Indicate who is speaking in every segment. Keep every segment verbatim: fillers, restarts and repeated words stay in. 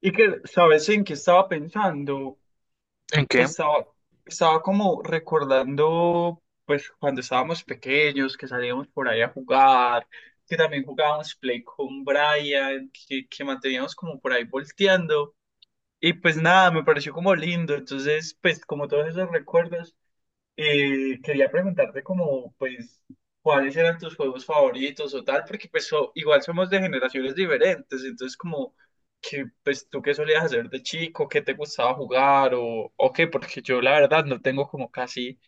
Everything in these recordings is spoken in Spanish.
Speaker 1: Y que, ¿sabes en qué estaba pensando?
Speaker 2: ¿En qué?
Speaker 1: Estaba, estaba como recordando, pues, cuando estábamos pequeños, que salíamos por ahí a jugar, que también jugábamos Play con Brian, que, que manteníamos como por ahí volteando. Y pues nada, me pareció como lindo. Entonces, pues, como todos esos recuerdos. Eh, quería preguntarte como, pues, cuáles eran tus juegos favoritos o tal, porque pues so- igual somos de generaciones diferentes, entonces como que, pues, tú qué solías hacer de chico, qué te gustaba jugar o, o qué, porque yo la verdad no tengo como casi,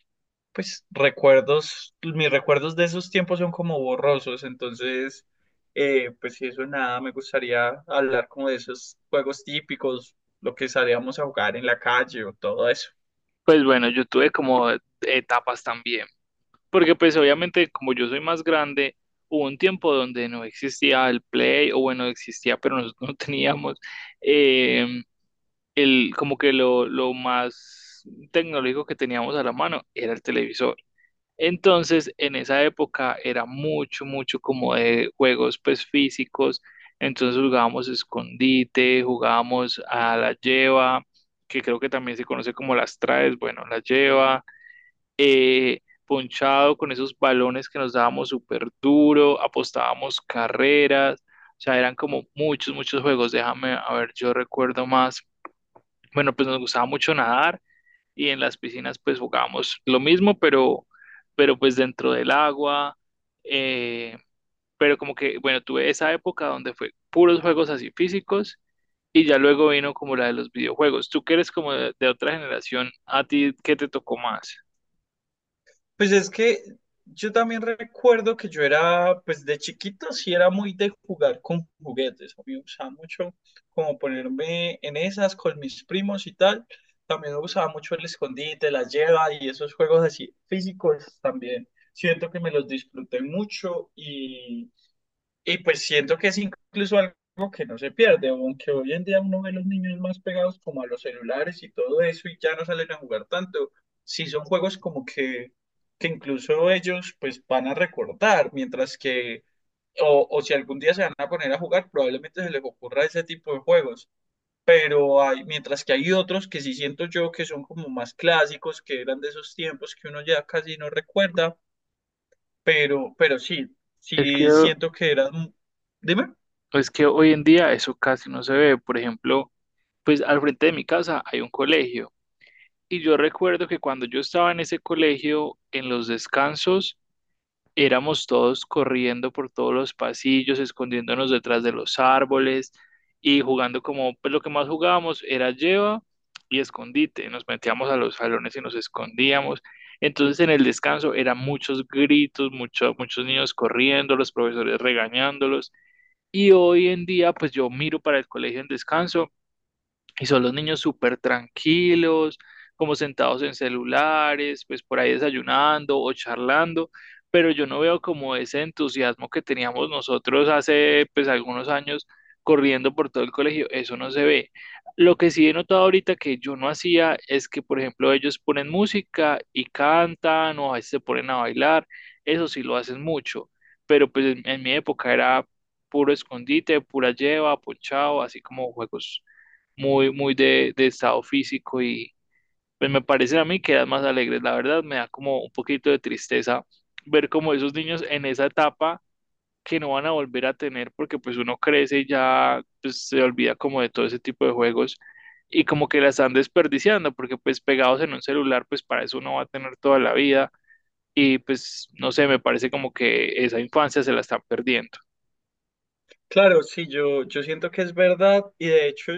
Speaker 1: pues, recuerdos, mis recuerdos de esos tiempos son como borrosos, entonces, eh, pues, si eso nada, me gustaría hablar como de esos juegos típicos, lo que salíamos a jugar en la calle o todo eso.
Speaker 2: Pues bueno, yo tuve como etapas también, porque pues obviamente como yo soy más grande, hubo un tiempo donde no existía el Play, o bueno, existía, pero nosotros no teníamos eh, el, como que lo, lo más tecnológico que teníamos a la mano era el televisor. Entonces, en esa época era mucho, mucho como de juegos pues físicos. Entonces jugábamos escondite, jugábamos a la lleva, que creo que también se conoce como las traes, bueno, la lleva, ponchado con esos balones que nos dábamos súper duro, apostábamos carreras, o sea, eran como muchos, muchos juegos. Déjame, a ver, yo recuerdo más. Bueno, pues nos gustaba mucho nadar y en las piscinas pues jugábamos lo mismo, pero, pero pues dentro del agua. eh, pero como que, bueno, tuve esa época donde fue puros juegos así físicos y ya luego vino como la de los videojuegos. Tú que eres como de, de otra generación, ¿a ti qué te tocó más?
Speaker 1: Pues es que yo también recuerdo que yo era, pues de chiquito sí era muy de jugar con juguetes. A mí me gustaba mucho como ponerme en esas con mis primos y tal. También me gustaba mucho el escondite, la lleva y esos juegos así físicos también. Siento que me los disfruté mucho y pues siento que es incluso algo que no se pierde, aunque hoy en día uno ve los niños más pegados como a los celulares y todo eso y ya no salen a jugar tanto. Sí son juegos como que, que incluso ellos pues van a recordar, mientras que, o, o si algún día se van a poner a jugar, probablemente se les ocurra ese tipo de juegos. Pero hay, mientras que hay otros que sí siento yo que son como más clásicos, que eran de esos tiempos que uno ya casi no recuerda, pero, pero sí,
Speaker 2: Es
Speaker 1: sí
Speaker 2: que,
Speaker 1: siento que eran... Dime.
Speaker 2: es que hoy en día eso casi no se ve. Por ejemplo, pues al frente de mi casa hay un colegio y yo recuerdo que cuando yo estaba en ese colegio, en los descansos, éramos todos corriendo por todos los pasillos, escondiéndonos detrás de los árboles y jugando como, pues lo que más jugábamos era lleva y escondite. Nos metíamos a los salones y nos escondíamos. Entonces en el descanso eran muchos gritos, mucho- muchos niños corriendo, los profesores regañándolos. Y hoy en día, pues yo miro para el colegio en descanso y son los niños súper tranquilos, como sentados en celulares, pues por ahí desayunando o charlando, pero yo no veo como ese entusiasmo que teníamos nosotros hace pues algunos años corriendo por todo el colegio, eso no se ve. Lo que sí he notado ahorita que yo no hacía es que, por ejemplo, ellos ponen música y cantan o a veces se ponen a bailar, eso sí lo hacen mucho, pero pues en, en mi época era puro escondite, pura lleva, ponchado, así como juegos muy, muy de, de estado físico y pues me parecen a mí que eran más alegres. La verdad me da como un poquito de tristeza ver como esos niños en esa etapa que no van a volver a tener porque pues uno crece y ya pues, se olvida como de todo ese tipo de juegos y como que la están desperdiciando porque pues pegados en un celular pues para eso uno va a tener toda la vida y pues, no sé, me parece como que esa infancia se la están perdiendo.
Speaker 1: Claro, sí, yo, yo siento que es verdad y de hecho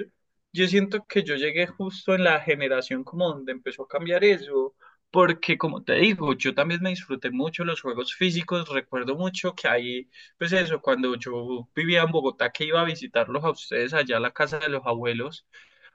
Speaker 1: yo siento que yo llegué justo en la generación como donde empezó a cambiar eso, porque como te digo, yo también me disfruté mucho los juegos físicos, recuerdo mucho que ahí, pues eso, cuando yo vivía en Bogotá que iba a visitarlos a ustedes allá a la casa de los abuelos,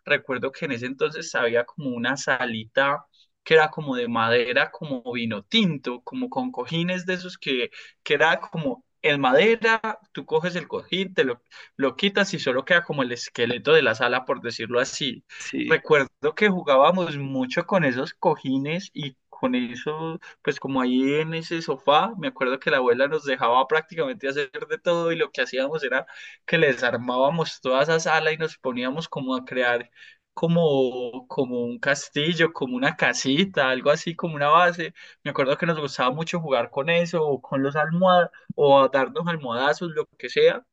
Speaker 1: recuerdo que en ese entonces había como una salita que era como de madera, como vino tinto, como con cojines de esos que que era como en madera, tú coges el cojín, te lo, lo quitas y solo queda como el esqueleto de la sala, por decirlo así.
Speaker 2: Sí.
Speaker 1: Recuerdo que jugábamos mucho con esos cojines y con eso, pues como ahí en ese sofá, me acuerdo que la abuela nos dejaba prácticamente hacer de todo y lo que hacíamos era que les armábamos toda esa sala y nos poníamos como a crear como, como un castillo, como una casita, algo así, como una base, me acuerdo que nos gustaba mucho jugar con eso, o con los almohadas, o a darnos almohadazos, lo que sea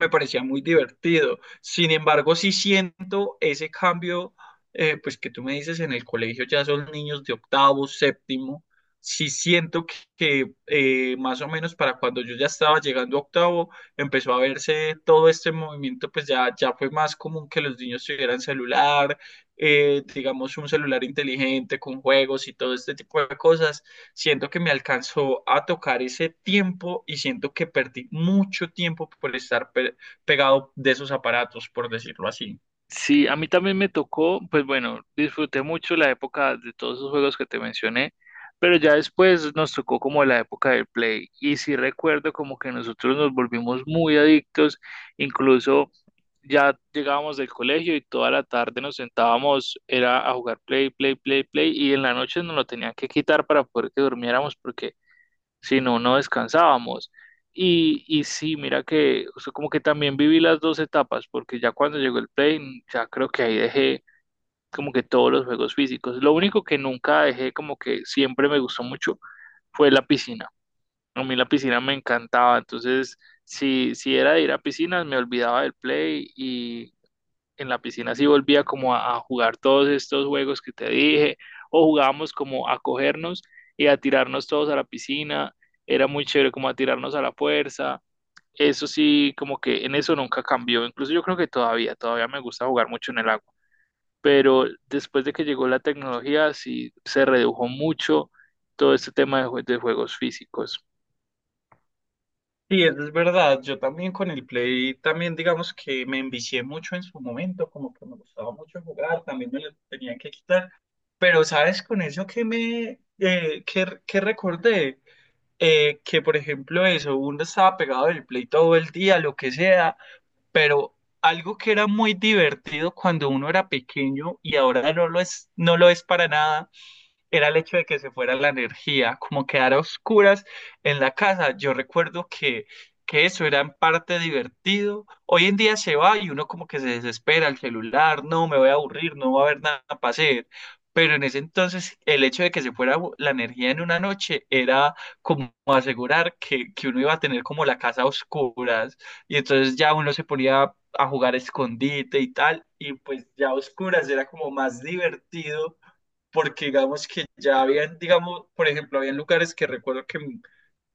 Speaker 1: me parecía muy divertido. Sin embargo, sí siento ese cambio, eh, pues que tú me dices en el colegio ya son niños de octavo, séptimo. Sí siento que, que, eh, más o menos para cuando yo ya estaba llegando a octavo, empezó a verse todo este movimiento, pues ya, ya fue más común que los niños tuvieran celular, eh, digamos un celular inteligente con juegos y todo este tipo de cosas. Siento que me alcanzó a tocar ese tiempo y siento que perdí mucho tiempo por estar pegado de esos aparatos, por decirlo así.
Speaker 2: Sí, a mí también me tocó, pues bueno, disfruté mucho la época de todos esos juegos que te mencioné, pero ya después nos tocó como la época del Play. Y sí recuerdo como que nosotros nos volvimos muy adictos, incluso ya llegábamos del colegio y toda la tarde nos sentábamos, era a jugar Play, Play, Play, Play, y en la noche nos lo tenían que quitar para poder que durmiéramos porque si no, no descansábamos. Y, y sí, mira que o sea, como que también viví las dos etapas, porque ya cuando llegó el Play, ya creo que ahí dejé como que todos los juegos físicos. Lo único que nunca dejé, como que siempre me gustó mucho, fue la piscina. A mí la piscina me encantaba, entonces si, si era de ir a piscinas, me olvidaba del Play y, en la piscina sí volvía como a, a jugar todos estos juegos que te dije, o jugábamos como a cogernos y a tirarnos todos a la piscina, era muy chévere como a tirarnos a la fuerza, eso sí, como que en eso nunca cambió, incluso yo creo que todavía, todavía me gusta jugar mucho en el agua, pero después de que llegó la tecnología sí se redujo mucho todo este tema de, jue- de juegos físicos.
Speaker 1: Sí, eso es verdad. Yo también con el Play, también digamos que me envicié mucho en su momento, como que me gustaba mucho jugar, también me lo tenían que quitar. Pero sabes, con eso que me, eh, que, que recordé, eh, que por ejemplo eso, uno estaba pegado del Play todo el día, lo que sea, pero algo que era muy divertido cuando uno era pequeño y ahora no lo es, no lo es para nada, era el hecho de que se fuera la energía, como quedar a oscuras en la casa. Yo recuerdo que, que eso era en parte divertido. Hoy en día se va y uno como que se desespera, el celular, no, me voy a aburrir, no va a haber nada para hacer. Pero en ese entonces el hecho de que se fuera la energía en una noche era como asegurar que, que uno iba a tener como la casa a oscuras y entonces ya uno se ponía a jugar escondite y tal y pues ya a oscuras era como más divertido porque digamos que ya habían, digamos, por ejemplo, habían lugares que recuerdo que,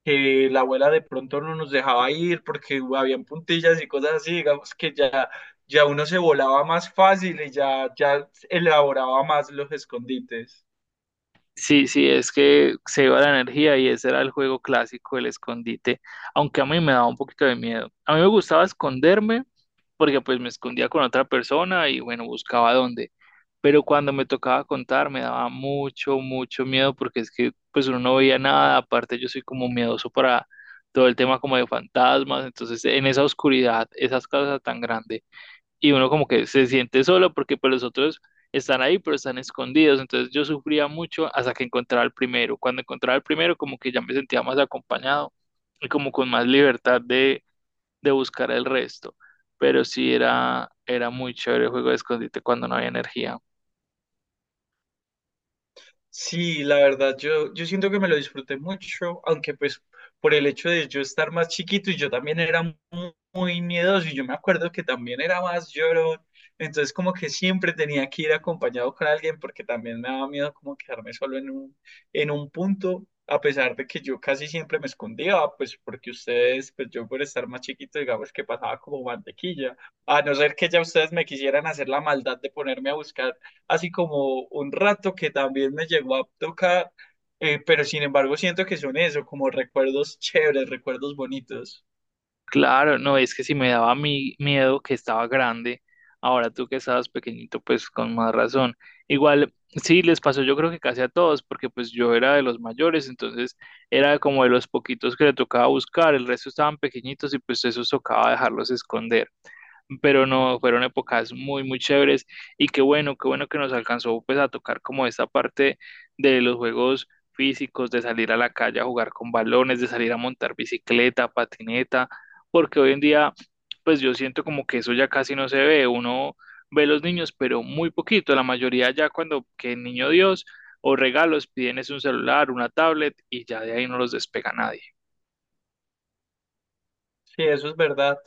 Speaker 1: que la abuela de pronto no nos dejaba ir porque habían puntillas y cosas así, digamos que ya, ya uno se volaba más fácil y ya, ya elaboraba más los escondites.
Speaker 2: Sí, sí, es que se iba la energía y ese era el juego clásico, el escondite, aunque a mí me daba un poquito de miedo. A mí me gustaba esconderme porque pues me escondía con otra persona y bueno, buscaba dónde. Pero cuando me tocaba contar me daba mucho, mucho miedo porque es que pues uno no veía nada, aparte yo soy como miedoso para todo el tema como de fantasmas, entonces en esa oscuridad, esas casas tan grandes y uno como que se siente solo porque pues los otros están ahí pero están escondidos, entonces yo sufría mucho hasta que encontraba el primero, cuando encontraba el primero como que ya me sentía más acompañado y como con más libertad de, de buscar el resto, pero sí era, era muy chévere el juego de escondite cuando no había energía.
Speaker 1: Sí, la verdad, yo, yo siento que me lo disfruté mucho, aunque pues por el hecho de yo estar más chiquito y yo también era mu- muy, miedoso y yo me acuerdo que también era más llorón, entonces como que siempre tenía que ir acompañado con alguien porque también me daba miedo como quedarme solo en un, en un punto, a pesar de que yo casi siempre me escondía, pues porque ustedes, pues yo por estar más chiquito, digamos que pasaba como mantequilla, a no ser que ya ustedes me quisieran hacer la maldad de ponerme a buscar así como un rato que también me llegó a tocar, eh, pero sin embargo siento que son eso, como recuerdos chéveres, recuerdos bonitos.
Speaker 2: Claro, no, es que si me daba mi miedo que estaba grande, ahora tú que estabas pequeñito, pues con más razón. Igual, sí, les pasó yo creo que casi a todos, porque pues yo era de los mayores, entonces era como de los poquitos que le tocaba buscar, el resto estaban pequeñitos y pues eso tocaba dejarlos esconder pero no, fueron épocas muy, muy chéveres y qué bueno, qué bueno que nos alcanzó pues a tocar como esta parte de los juegos físicos, de salir a la calle a jugar con balones, de salir a montar bicicleta, patineta, porque hoy en día pues yo siento como que eso ya casi no se ve, uno ve los niños, pero muy poquito, la mayoría ya cuando que niño Dios o regalos piden es un celular, una tablet y ya de ahí no los despega nadie.
Speaker 1: Sí, eso es verdad.